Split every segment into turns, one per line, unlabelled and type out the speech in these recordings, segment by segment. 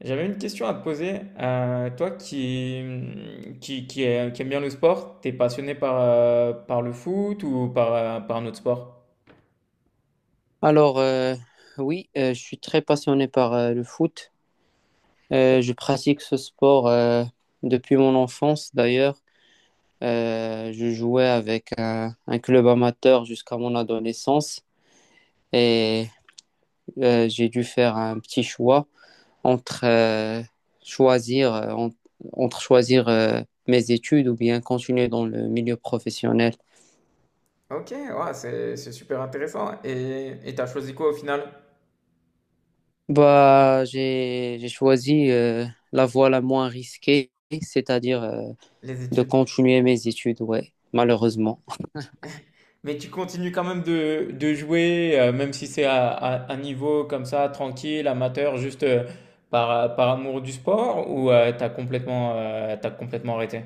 J'avais une question à te poser. Toi qui aime bien le sport, t'es passionné par, par le foot ou par, par un autre sport?
Alors, euh, oui, je suis très passionné par le foot. Je pratique ce sport depuis mon enfance d'ailleurs. Je jouais avec un club amateur jusqu'à mon adolescence et j'ai dû faire un petit choix entre choisir, euh, en- entre choisir mes études ou bien continuer dans le milieu professionnel.
Ok, ouais, c'est super intéressant. Et t'as choisi quoi au final?
J'ai choisi la voie la moins risquée, c'est-à-dire
Les
de
études.
continuer mes études, ouais, malheureusement.
Mais tu continues quand même de jouer, même si c'est à un niveau comme ça, tranquille, amateur, juste par, par amour du sport, ou t'as complètement arrêté?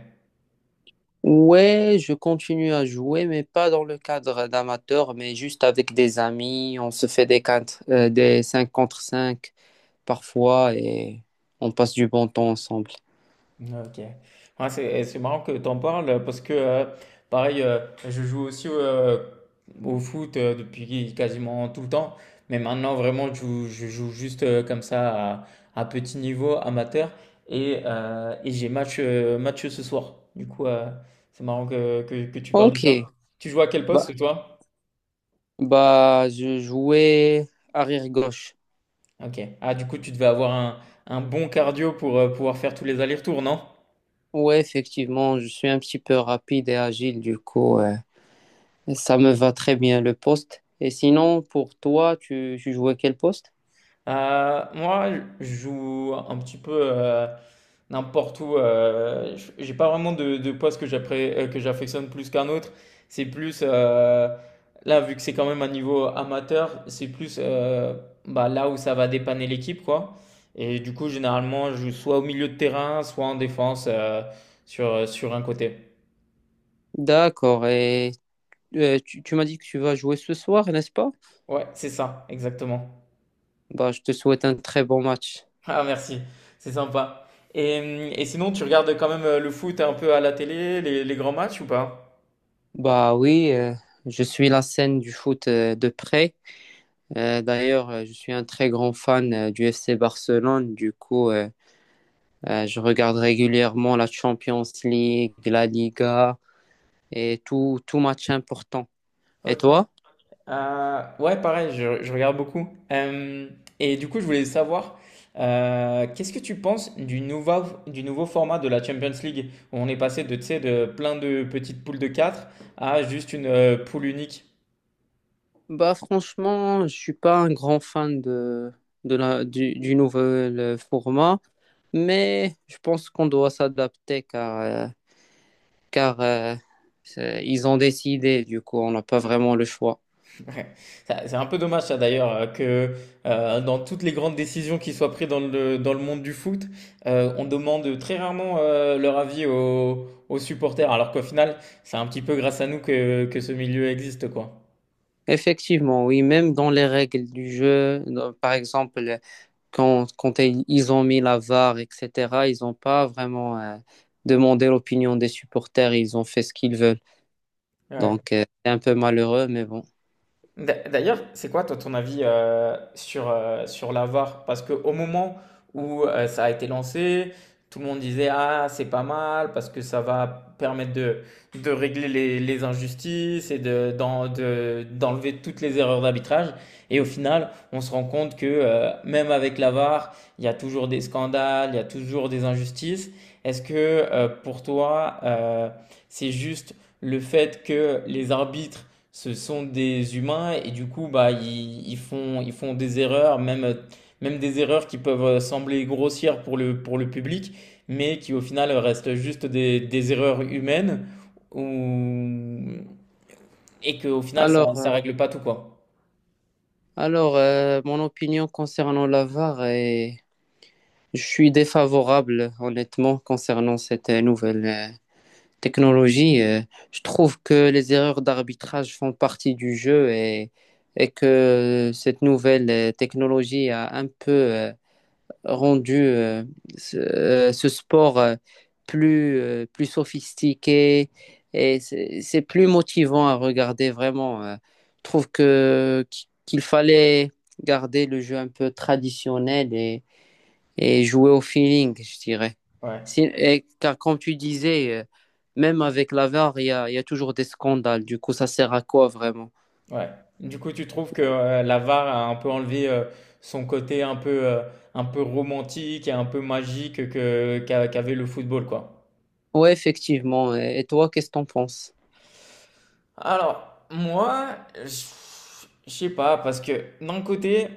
Ouais, je continue à jouer, mais pas dans le cadre d'amateur, mais juste avec des amis. On se fait des 5 contre 5 parfois et on passe du bon temps ensemble.
OK. Ouais, c'est, eh, c'est marrant que tu en parles parce que, pareil, je joue aussi au foot depuis quasiment tout le temps. Mais maintenant, vraiment, je joue juste comme ça à petit niveau amateur. Et j'ai match, match ce soir. Du coup, c'est marrant que tu parles de ça.
Ok,
Tu joues à quel poste,
bah,
toi?
bah je jouais arrière-gauche.
OK. Ah, du coup, tu devais avoir un bon cardio pour pouvoir faire tous les allers-retours, non?
Ouais, effectivement, je suis un petit peu rapide et agile, du coup, ça me va très bien le poste. Et sinon, pour toi, tu jouais quel poste?
Moi, je joue un petit peu n'importe où. J'ai pas vraiment de poste que que j'affectionne plus qu'un autre. C'est plus, là, vu que c'est quand même un niveau amateur, c'est plus bah, là où ça va dépanner l'équipe, quoi. Et du coup, généralement, je joue soit au milieu de terrain, soit en défense sur, sur un côté.
D'accord, et tu m'as dit que tu vas jouer ce soir, n'est-ce pas?
Ouais, c'est ça, exactement.
Bah, je te souhaite un très bon match.
Ah merci, c'est sympa. Et, hum, et sinon, tu regardes quand même le foot un peu à la télé, les grands matchs ou pas?
Bah oui, je suis la scène du foot de près. D'ailleurs, je suis un très grand fan du FC Barcelone. Du coup, je regarde régulièrement la Champions League, la Liga et tout match important. Et
Ok.
toi?
Ouais, pareil, je regarde beaucoup. Et du coup, je voulais savoir, qu'est-ce que tu penses du nouveau format de la Champions League, où on est passé de, tu sais, de plein de petites poules de 4 à juste une poule unique?
Bah franchement, je suis pas un grand fan du nouvel format, mais je pense qu'on doit s'adapter car ils ont décidé, du coup, on n'a pas vraiment le choix.
Ouais. Ça- C'est un peu dommage ça d'ailleurs que dans toutes les grandes décisions qui soient prises dans le monde du foot, on demande très rarement leur avis aux, aux supporters, alors qu'au final, c'est un petit peu grâce à nous que ce milieu existe, quoi.
Effectivement, oui, même dans les règles du jeu, dans- par exemple, quand ils ont mis la VAR, etc., ils n'ont pas vraiment demandé l'opinion des supporters, ils ont fait ce qu'ils veulent.
Ouais.
Donc, c'est un peu malheureux, mais bon.
D'a- D'ailleurs, c'est quoi toi ton avis sur, sur la VAR? Parce qu'au moment où ça a été lancé, tout le monde disait «Ah, c'est pas mal parce que ça va permettre de régler les injustices et de, d'enlever toutes les erreurs d'arbitrage.» Et au final, on se rend compte que même avec la VAR, il y a toujours des scandales, il y a toujours des injustices. Est-ce que pour toi, c'est juste le fait que les arbitres ce sont des humains et du coup, bah, ils, ils font des erreurs, même, même des erreurs qui peuvent sembler grossières pour le public, mais qui au final restent juste des erreurs humaines ou... et qu'au final, ça,
Alors,
ça
euh,
règle pas tout, quoi.
mon opinion concernant la VAR est... Je suis défavorable, honnêtement, concernant cette nouvelle technologie. Je trouve que les erreurs d'arbitrage font partie du jeu et que cette nouvelle technologie a un peu rendu ce sport plus, plus sophistiqué et c'est plus motivant à regarder vraiment. Je trouve que qu'il fallait garder le jeu un peu traditionnel et jouer au feeling, je dirais.
Ouais,
Car comme tu disais, même avec la VAR, il y a toujours des scandales. Du coup, ça sert à quoi vraiment?
ouais. Du coup, tu trouves que la VAR a un peu enlevé son côté un peu romantique et un peu magique que, qu'avait le football, quoi.
Ouais, effectivement. Et toi, qu'est-ce que t'en penses?
Alors, moi, je je sais pas, parce que d'un côté,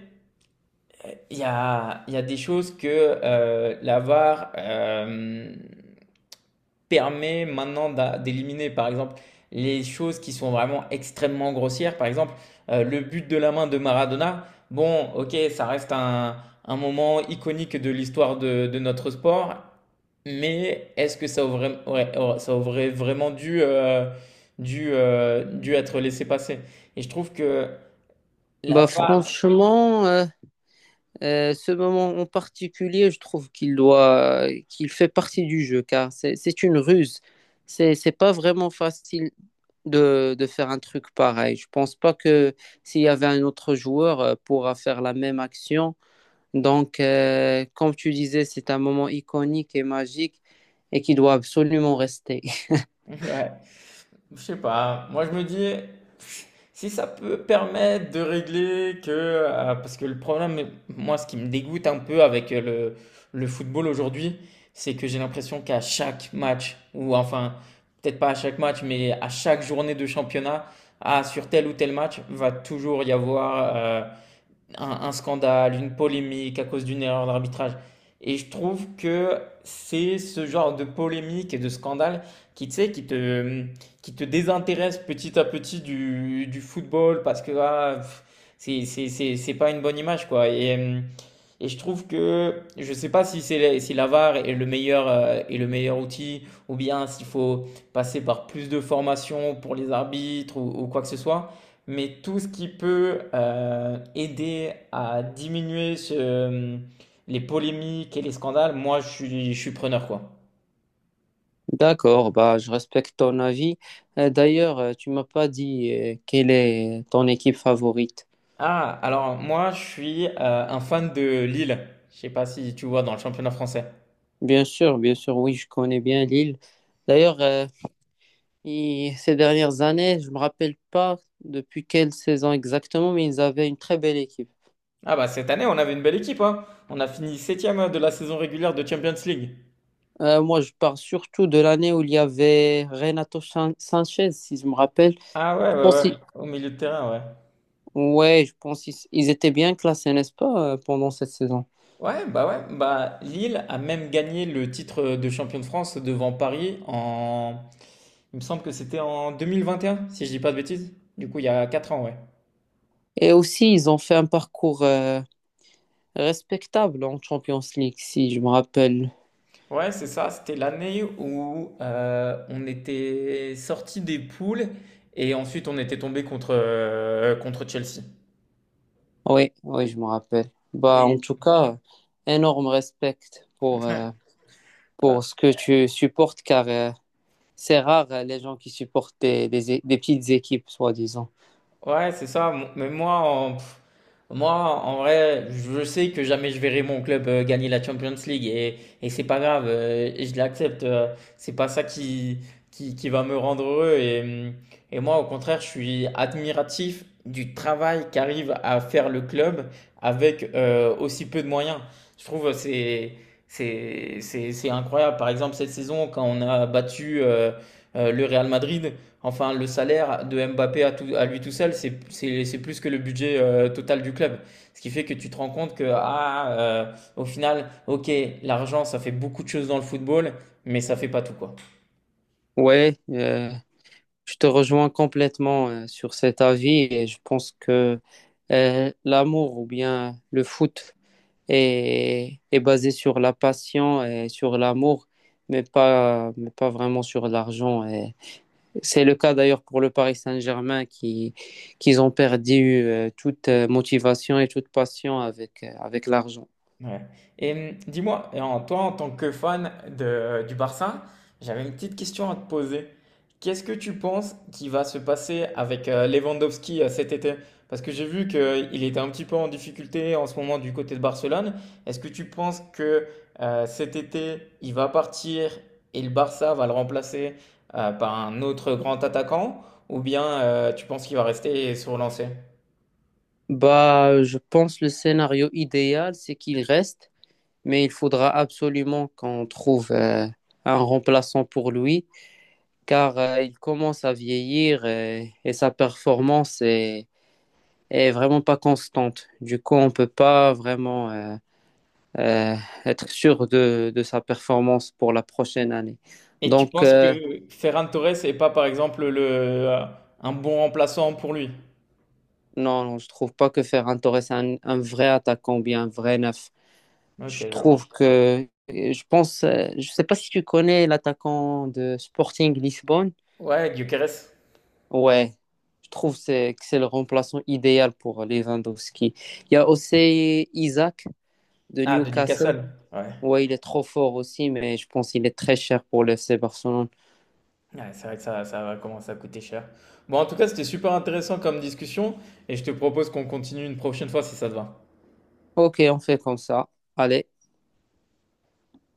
il y a des choses que la VAR, permet maintenant d'éliminer, par exemple, les choses qui sont vraiment extrêmement grossières. Par exemple, le but de la main de Maradona, bon, ok, ça reste un moment iconique de l'histoire de notre sport, mais est-ce que ça aurait, ouais, ça aurait vraiment dû, dû être laissé passer? Et je trouve que la
Bah
VAR,
franchement, euh, euh, ce moment en particulier, je trouve qu'il fait partie du jeu, car c'est une ruse. C'est pas vraiment facile de faire un truc pareil. Je pense pas que s'il y avait un autre joueur, pourra faire la même action. Donc, comme tu disais, c'est un moment iconique et magique et qui doit absolument rester.
ouais. Je sais pas. Moi, je me dis, si ça peut permettre de régler que. Parce que le problème, moi, ce qui me dégoûte un peu avec le football aujourd'hui, c'est que j'ai l'impression qu'à chaque match, ou enfin, peut-être pas à chaque match, mais à chaque journée de championnat, ah, sur tel ou tel match, va toujours y avoir un scandale, une polémique à cause d'une erreur d'arbitrage. Et je trouve que c'est ce genre de polémique et de scandale qui, tu sais, qui te désintéresse petit à petit du football parce que ah, pff, c'est pas une bonne image, quoi. Et je trouve que je sais pas si c'est si la VAR est le meilleur outil ou bien s'il faut passer par plus de formation pour les arbitres ou quoi que ce soit. Mais tout ce qui peut aider à diminuer ce- les polémiques et les scandales, moi je suis preneur quoi.
D'accord, bah, je respecte ton avis. D'ailleurs, tu m'as pas dit quelle est ton équipe favorite.
Ah, alors moi je suis un fan de Lille. Je sais pas si tu vois dans le championnat français.
Bien sûr, oui, je connais bien Lille. D'ailleurs, ces dernières années, je me rappelle pas depuis quelle saison exactement, mais ils avaient une très belle équipe.
Ah bah cette année on avait une belle équipe hein. On a fini septième de la saison régulière de Champions League.
Moi, je parle surtout de l'année où il y avait Sanchez, si je me rappelle.
Ah ouais
Je
ouais
pense,
ouais,
qu'il
au milieu de terrain ouais.
Ouais, je pense qu'ils ils étaient bien classés, n'est-ce pas, pendant cette saison.
Ouais, bah Lille a même gagné le titre de champion de France devant Paris en, il me semble que c'était en 2021, si je dis pas de bêtises. Du coup, il y a 4 ans, ouais.
Et aussi, ils ont fait un parcours respectable en Champions League, si je me rappelle.
Ouais, c'est ça, c'était l'année où on était sorti des poules et ensuite on était tombé contre, contre Chelsea.
Oui, oui, je me rappelle. Bah,
Mais,
en tout cas, énorme respect pour, euh, pour ce que tu supportes, car c'est rare les gens qui supportent des petites équipes, soi-disant.
ouais, c'est ça. Mo- Mais moi, en, pff, moi, en vrai, je sais que jamais je verrai mon club gagner la Champions League et c'est pas grave, et je l'accepte. C'est pas ça qui va me rendre heureux. Et moi, au contraire, je suis admiratif du travail qu'arrive à faire le club avec aussi peu de moyens. Je trouve que c'est incroyable. Par exemple, cette saison, quand on a battu le Real Madrid, enfin, le salaire de Mbappé à, à lui tout seul, c'est plus que le budget total du club. Ce qui fait que tu te rends compte que, ah, au final, ok, l'argent, ça fait beaucoup de choses dans le football, mais ça fait pas tout, quoi.
Ouais, je te rejoins complètement sur cet avis et je pense que l'amour ou bien le foot et est basé sur la passion et sur l'amour, mais pas vraiment sur l'argent. Et c'est le cas d'ailleurs pour le Paris Saint-Germain qui, qu'ils ont perdu toute motivation et toute passion avec, avec l'argent.
Ouais. Et dis-moi, et en toi, en tant que fan de, du Barça, j'avais une petite question à te poser. Qu'est-ce que tu penses qui va se passer avec Lewandowski cet été? Parce que j'ai vu qu'il était un petit peu en difficulté en ce moment du côté de Barcelone. Est-ce que tu penses que cet été, il va partir et le Barça va le remplacer par un autre grand attaquant? Ou bien tu penses qu'il va rester et se relancer?
Bah, je pense le scénario idéal, c'est qu'il reste, mais il faudra absolument qu'on trouve un remplaçant pour lui, car il commence à vieillir et sa performance est vraiment pas constante. Du coup, on peut pas vraiment euh, être sûr de sa performance pour la prochaine année.
Et tu
Donc,
penses que Ferran Torres est pas, par exemple, le, un bon remplaçant pour lui?
non, non, je trouve pas que Ferran Torres est un vrai attaquant ou bien un vrai neuf.
Ok,
Je
je vois.
trouve que, je pense, je sais pas si tu connais l'attaquant de Sporting Lisbonne.
Ouais, Gyökeres.
Ouais, je trouve que c'est le remplaçant idéal pour Lewandowski. Il y a aussi Isaac de
Ah, de
Newcastle.
Newcastle. Ouais.
Ouais, il est trop fort aussi, mais je pense qu'il est très cher pour le FC Barcelone.
Ouais, c'est vrai que ça va commencer à coûter cher. Bon, en tout cas, c'était super intéressant comme discussion et je te propose qu'on continue une prochaine fois si ça te va.
Ok, on fait comme ça. Allez.